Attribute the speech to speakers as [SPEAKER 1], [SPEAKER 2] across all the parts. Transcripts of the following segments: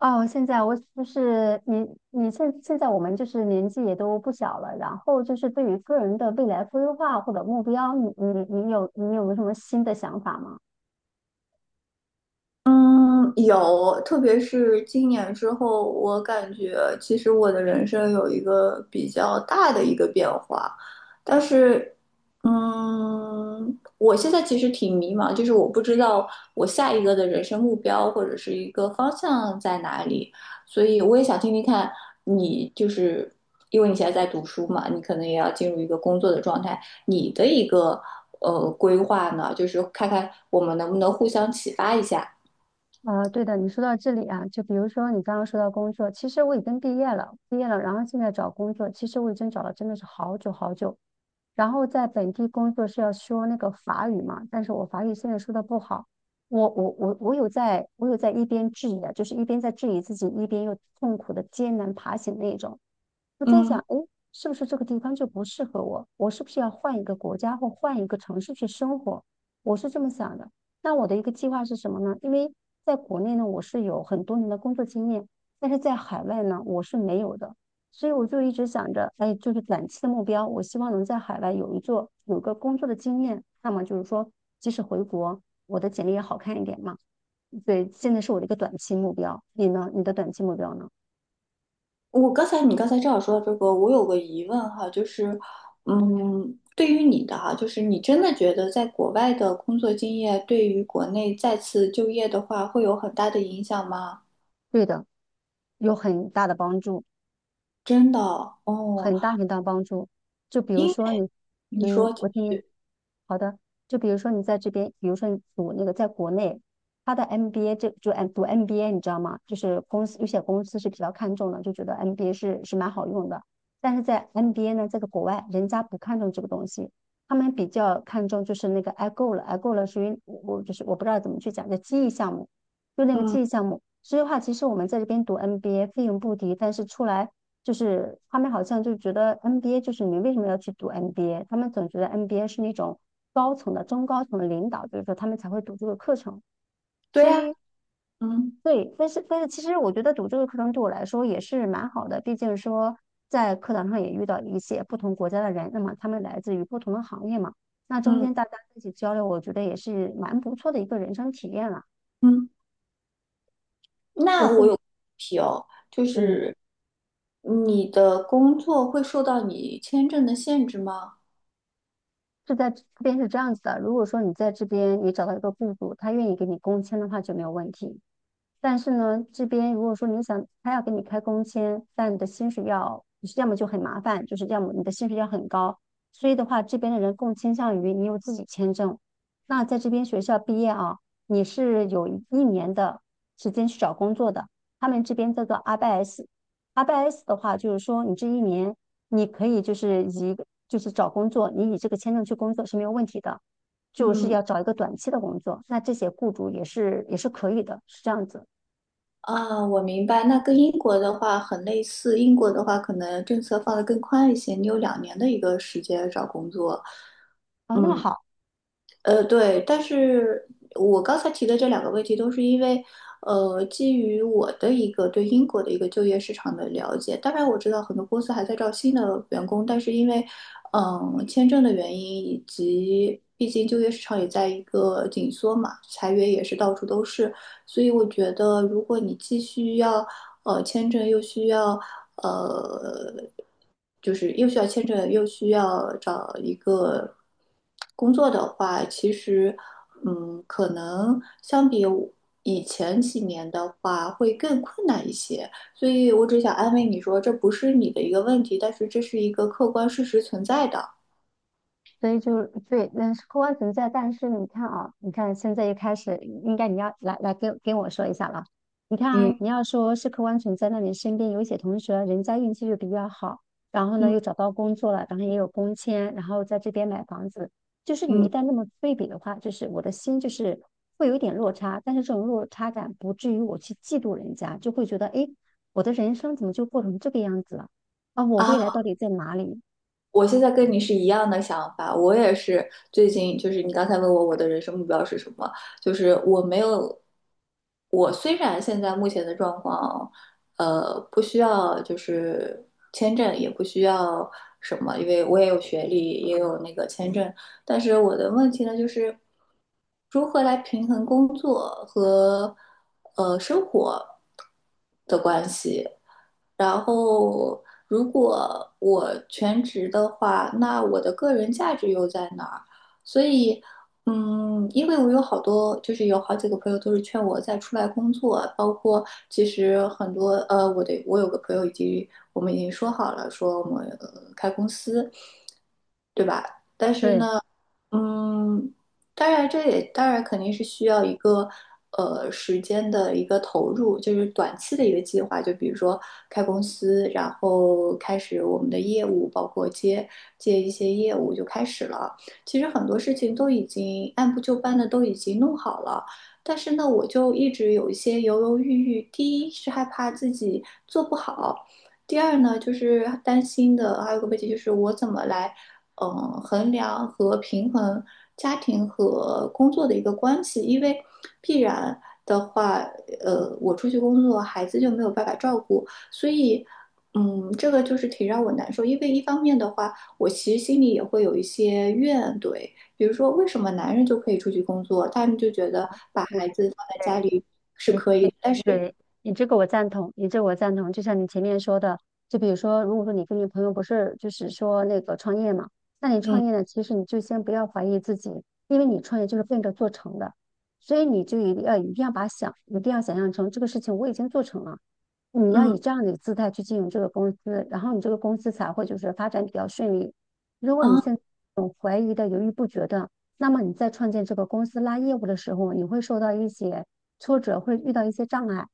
[SPEAKER 1] 哦，现在我就是你，你现在我们就是年纪也都不小了，然后就是对于个人的未来规划或者目标，你有没有什么新的想法吗？
[SPEAKER 2] 嗯，有。特别是今年之后，我感觉其实我的人生有一个比较大的一个变化。但是，我现在其实挺迷茫，就是我不知道我下一个的人生目标或者是一个方向在哪里，所以我也想听听看你，就是因为你现在在读书嘛，你可能也要进入一个工作的状态，你的一个规划呢，就是看看我们能不能互相启发一下。
[SPEAKER 1] 啊，对的，你说到这里啊，就比如说你刚刚说到工作，其实我已经毕业了，然后现在找工作，其实我已经找了真的是好久好久。然后在本地工作是要说那个法语嘛，但是我法语现在说的不好，我有在一边质疑啊，就是一边在质疑自己，一边又痛苦的艰难爬行那种。我在想，
[SPEAKER 2] 嗯。
[SPEAKER 1] 诶，是不是这个地方就不适合我？我是不是要换一个国家或换一个城市去生活？我是这么想的。那我的一个计划是什么呢？因为在国内呢，我是有很多年的工作经验，但是在海外呢，我是没有的。所以我就一直想着，哎，就是短期的目标，我希望能在海外有一座有个工作的经验。那么就是说，即使回国，我的简历也好看一点嘛。对，现在是我的一个短期目标。你呢？你的短期目标呢？
[SPEAKER 2] 我刚才你刚才正好说到这个，我有个疑问哈，就是，对于你的哈，就是你真的觉得在国外的工作经验对于国内再次就业的话会有很大的影响吗？
[SPEAKER 1] 对的，有很大的帮助。
[SPEAKER 2] 真的哦，
[SPEAKER 1] 很大很大帮助。就比如
[SPEAKER 2] 因为
[SPEAKER 1] 说你，
[SPEAKER 2] 你
[SPEAKER 1] 嗯，
[SPEAKER 2] 说，
[SPEAKER 1] 我听你，好的。就比如说你在这边，比如说你读那个在国内，他的 MBA 这就 M 读 MBA，你知道吗？就是公司有些公司是比较看重的，就觉得 MBA 是蛮好用的。但是在 MBA 呢，在个国外，人家不看重这个东西，他们比较看重就是那个 i g o 了属于我就是我不知道怎么去讲，叫记忆项目，就那个
[SPEAKER 2] 嗯，
[SPEAKER 1] 记忆项目。所以的话，其实我们在这边读 MBA 费用不低，但是出来。就是他们好像就觉得 NBA 就是你为什么要去读 NBA？他们总觉得 NBA 是那种高层的、中高层的领导，就是说他们才会读这个课程。
[SPEAKER 2] 对
[SPEAKER 1] 所
[SPEAKER 2] 呀，
[SPEAKER 1] 以，
[SPEAKER 2] 嗯
[SPEAKER 1] 对，但是其实我觉得读这个课程对我来说也是蛮好的，毕竟说在课堂上也遇到一些不同国家的人，那么他们来自于不同的行业嘛，那中
[SPEAKER 2] 嗯
[SPEAKER 1] 间大家一起交流，我觉得也是蛮不错的一个人生体验了。
[SPEAKER 2] 嗯，
[SPEAKER 1] 我
[SPEAKER 2] 那我
[SPEAKER 1] 是，
[SPEAKER 2] 有问题哦，就
[SPEAKER 1] 嗯，
[SPEAKER 2] 是你的工作会受到你签证的限制吗？
[SPEAKER 1] 是在这边是这样子的，如果说你在这边你找到一个雇主，他愿意给你工签的话就没有问题。但是呢，这边如果说你想他要给你开工签，但你的薪水要，就是要么就很麻烦，就是要么你的薪水要很高。所以的话，这边的人更倾向于你有自己签证。那在这边学校毕业啊，你是有一年的时间去找工作的。他们这边叫做 RBS。RBS 的话，就是说你这一年你可以就是以就是找工作，你以这个签证去工作是没有问题的，就是
[SPEAKER 2] 嗯。
[SPEAKER 1] 要找一个短期的工作。那这些雇主也是可以的，是这样子。
[SPEAKER 2] 啊，我明白。那跟英国的话很类似，英国的话可能政策放得更宽一些，你有2年的一个时间找工作。
[SPEAKER 1] 哦，那么
[SPEAKER 2] 嗯，
[SPEAKER 1] 好，
[SPEAKER 2] 对。但是我刚才提的这两个问题，都是因为，基于我的一个对英国的一个就业市场的了解。当然，我知道很多公司还在招新的员工，但是因为，签证的原因以及。毕竟就业市场也在一个紧缩嘛，裁员也是到处都是，所以我觉得，如果你继续要签证又需要呃，就是又需要签证，又需要找一个工作的话，其实可能相比我以前几年的话，会更困难一些。所以我只想安慰你说，这不是你的一个问题，但是这是一个客观事实存在的。
[SPEAKER 1] 所以就对，那是客观存在。但是你看啊，你看现在一开始，应该你要来跟我说一下了。你看
[SPEAKER 2] 嗯
[SPEAKER 1] 啊，你要说是客观存在，那你身边有一些同学，人家运气就比较好，然后呢
[SPEAKER 2] 嗯
[SPEAKER 1] 又找到工作了，然后也有工签，然后在这边买房子，就是你一
[SPEAKER 2] 嗯。
[SPEAKER 1] 旦那么对比的话，就是我的心就是会有一点落差，但是这种落差感不至于我去嫉妒人家，就会觉得诶，我的人生怎么就过成这个样子了？啊，我未来
[SPEAKER 2] 啊。
[SPEAKER 1] 到底在哪里？
[SPEAKER 2] 我现在跟你是一样的想法，我也是最近就是你刚才问我我的人生目标是什么，就是我没有，我虽然现在目前的状况，不需要就是签证，也不需要什么，因为我也有学历，也有那个签证，但是我的问题呢就是如何来平衡工作和生活。然后，如果我全职的话，那我的个人价值又在哪儿？所以，因为我有好多，就是有好几个朋友都是劝我再出来工作，包括其实很多，我有个朋友已经，我们已经说好了，说我们开公司。但是
[SPEAKER 1] 对。
[SPEAKER 2] 呢，嗯，当然这也当然肯定是需要一个时间的一个投入，就是短期的一个计划，就比如说开公司，然后开始我们的业务，包括接一些业务就开始了。其实很多事情都已经按部就班的都已经弄好了。但是呢，我就一直有一些犹犹豫豫。第一是害怕自己做不好，第二呢，就是担心的，还有个问题就是我怎么来衡量和平衡家庭和工作的一个关系。因为必然的话，我出去工作，孩子就没有办法照顾，所以，这个就是挺让我难受。因为一方面的话，我其实心里也会有一些怨怼，比如说为什么男人就可以出去工作，他们就觉得把孩子放在家里，
[SPEAKER 1] 你你
[SPEAKER 2] 但是，
[SPEAKER 1] 对你这个我赞同，你这个我赞同。就像你前面说的，就比如说，如果说你跟你朋友不是就是说那个创业嘛，那你创业
[SPEAKER 2] 嗯
[SPEAKER 1] 呢，其实你就先不要怀疑自己，因为你创业就是奔着做成的，所以你就一定要想象成这个事情我已经做成了，你要
[SPEAKER 2] 嗯
[SPEAKER 1] 以这样的一个姿态去经营这个公司，然后你这个公司才会就是发展比较顺利。如果你现
[SPEAKER 2] 啊
[SPEAKER 1] 在有怀疑的、犹豫不决的，那么你在创建这个公司拉业务的时候，你会受到一些挫折，会遇到一些障碍。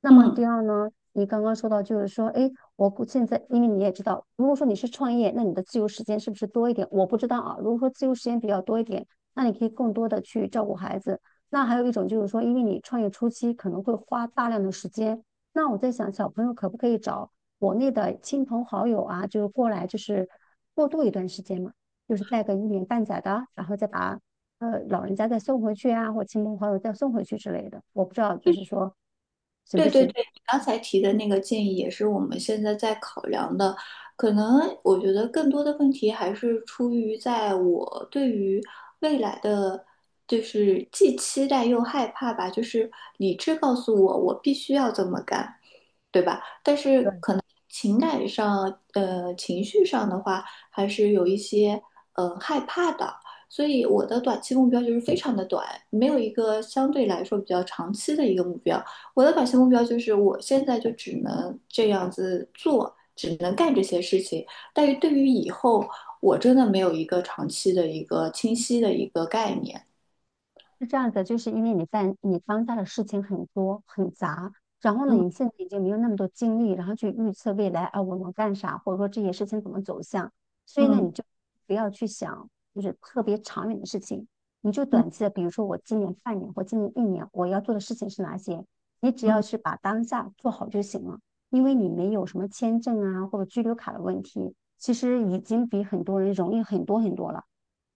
[SPEAKER 1] 那么
[SPEAKER 2] 嗯。
[SPEAKER 1] 第二呢，你刚刚说到就是说，哎，我不现在，因为你也知道，如果说你是创业，那你的自由时间是不是多一点？我不知道啊。如果说自由时间比较多一点，那你可以更多的去照顾孩子。那还有一种就是说，因为你创业初期可能会花大量的时间。那我在想，小朋友可不可以找国内的亲朋好友啊，就是过来，就是过渡一段时间嘛，就是带个一年半载的，然后再把老人家再送回去啊，或亲朋好友再送回去之类的。我不知道，就是说行不
[SPEAKER 2] 对对
[SPEAKER 1] 行？
[SPEAKER 2] 对，你刚才提的那个建议也是我们现在在考量的。可能我觉得更多的问题还是出于在我对于未来的，就是既期待又害怕吧。就是理智告诉我，我必须要这么干，对吧？情感上，情绪上的话，还是有一些害怕的。所以我的短期目标就是非常的短，没有一个相对来说比较长期的一个目标。我的短期目标就是我现在就只能这样子做，只能干这些事情。但是对于以后，我真的没有一个长期的一个清晰的一个概念。
[SPEAKER 1] 是这样的，就是因为你在你当下的事情很多很杂，然后呢，你
[SPEAKER 2] 嗯
[SPEAKER 1] 现在已经没有那么多精力，然后去预测未来啊，我能干啥，或者说这些事情怎么走向，所以呢，你
[SPEAKER 2] 嗯
[SPEAKER 1] 就不要去想就是特别长远的事情，你就
[SPEAKER 2] 嗯
[SPEAKER 1] 短期的，比如说我今年半年或今年一年我要做的事情是哪些，你只要
[SPEAKER 2] 嗯
[SPEAKER 1] 是把当下做好就行了，因为你没有什么签证啊或者居留卡的问题，其实已经比很多人容易很多很多了。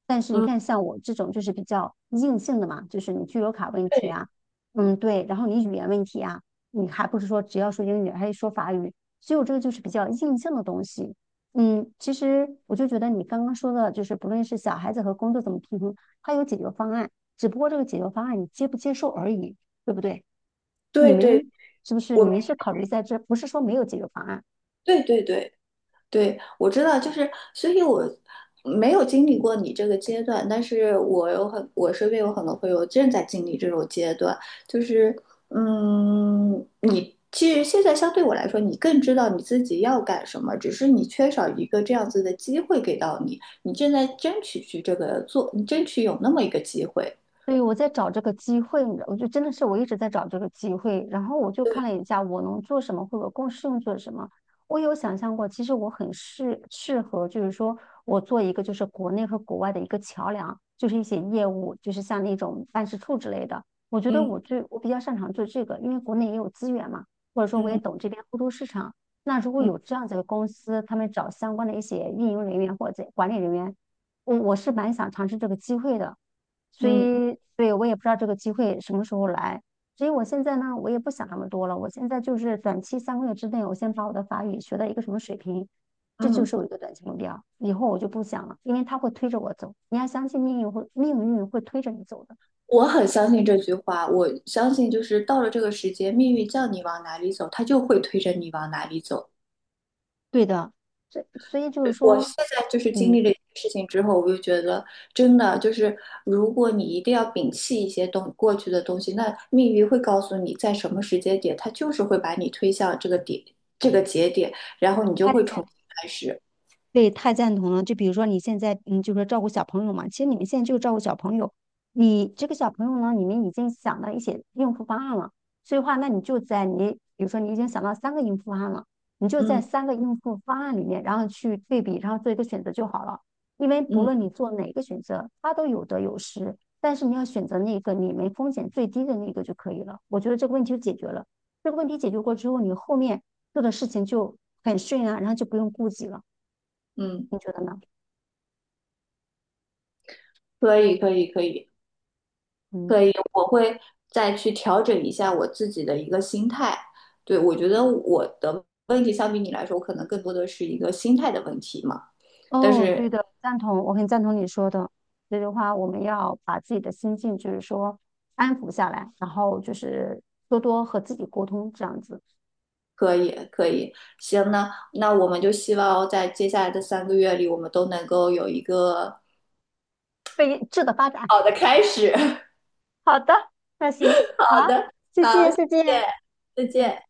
[SPEAKER 1] 但是你
[SPEAKER 2] 嗯，
[SPEAKER 1] 看，像我这种就是比较硬性的嘛，就是你居留卡问题
[SPEAKER 2] 对
[SPEAKER 1] 啊，嗯，对，然后你语言问题啊，你还不是说只要说英语，还得说法语，所以我这个就是比较硬性的东西。嗯，其实我就觉得你刚刚说的，就是不论是小孩子和工作怎么平衡，它有解决方案，只不过这个解决方案你接不接受而已，对不对？你
[SPEAKER 2] 对对，
[SPEAKER 1] 们是不是
[SPEAKER 2] 我
[SPEAKER 1] 你
[SPEAKER 2] 们
[SPEAKER 1] 们是考虑在这，不是说没有解决方案，
[SPEAKER 2] 对对对。对，我知道，就是，所以我没有经历过你这个阶段，但是我身边有很多朋友正在经历这种阶段，就是，你其实现在相对我来说，你更知道你自己要干什么，只是你缺少一个这样子的机会给到你，你正在争取去这个做，你争取有那么一个机会。
[SPEAKER 1] 对，我在找这个机会，你知道，我就真的是我一直在找这个机会。然后我就看了一下我能做什么，或者更适用做什么。我有想象过，其实我很适合，就是说我做一个就是国内和国外的一个桥梁，就是一些业务，就是像那种办事处之类的。我觉得
[SPEAKER 2] 嗯
[SPEAKER 1] 我比较擅长做这个，因为国内也有资源嘛，或者说我也
[SPEAKER 2] 嗯
[SPEAKER 1] 懂这边欧洲市场。那如果
[SPEAKER 2] 嗯
[SPEAKER 1] 有这样子的公司，他们找相关的一些运营人员或者管理人员，我是蛮想尝试这个机会的。所
[SPEAKER 2] 嗯
[SPEAKER 1] 以，对，我也不知道这个机会什么时候来。所以我现在呢，我也不想那么多了。我现在就是短期三个月之内，我先把我的法语学到一个什么水平，这就
[SPEAKER 2] 嗯。
[SPEAKER 1] 是我一个短期目标。以后我就不想了，因为它会推着我走。你要相信命运会，命运会推着你走的。
[SPEAKER 2] 我很相信这句话，我相信就是到了这个时间，命运叫你往哪里走，它就会推着你往哪里走。
[SPEAKER 1] 对的，所以就是
[SPEAKER 2] 我现
[SPEAKER 1] 说，
[SPEAKER 2] 在就是经
[SPEAKER 1] 嗯，
[SPEAKER 2] 历了一件事情之后，我就觉得真的就是，如果你一定要摒弃一些东过去的东西，那命运会告诉你在什么时间点，它就是会把你推向这个点，这个节点，然后你就
[SPEAKER 1] 还得
[SPEAKER 2] 会
[SPEAKER 1] 在。
[SPEAKER 2] 重新开始。
[SPEAKER 1] 对，太赞同了。就比如说你现在，嗯，就是说照顾小朋友嘛，其实你们现在就是照顾小朋友，你这个小朋友呢，你们已经想到一些应付方案了，所以话，那你就在你，比如说你已经想到三个应付方案了，你就在
[SPEAKER 2] 嗯
[SPEAKER 1] 三个应付方案里面，然后去对比，然后做一个选择就好了。因为不
[SPEAKER 2] 嗯
[SPEAKER 1] 论你做哪个选择，它都有得有失，但是你要选择那个你们风险最低的那个就可以了。我觉得这个问题就解决了。这个问题解决过之后，你后面做的事情就很顺啊，然后就不用顾及了。
[SPEAKER 2] 嗯，
[SPEAKER 1] 你觉得呢？
[SPEAKER 2] 可以可以可以。
[SPEAKER 1] 嗯
[SPEAKER 2] 可以，我会再去调整一下我自己的一个心态。对，我觉得我的问题相比你来说，我可能更多的是一个心态的问题嘛。但
[SPEAKER 1] 哦，对
[SPEAKER 2] 是
[SPEAKER 1] 的，赞同，我很赞同你说的。所以的话，我们要把自己的心境，就是说安抚下来，然后就是多多和自己沟通，这样子，
[SPEAKER 2] 可以，可以，行，那我们就希望在接下来的3个月里，我们都能够有一个
[SPEAKER 1] 被质的发展。
[SPEAKER 2] 好的开始。
[SPEAKER 1] 好的，那行，好
[SPEAKER 2] 好
[SPEAKER 1] 啊
[SPEAKER 2] 的，
[SPEAKER 1] 谢
[SPEAKER 2] 好，
[SPEAKER 1] 谢，
[SPEAKER 2] 谢
[SPEAKER 1] 再见，
[SPEAKER 2] 谢，再
[SPEAKER 1] 再见。
[SPEAKER 2] 见。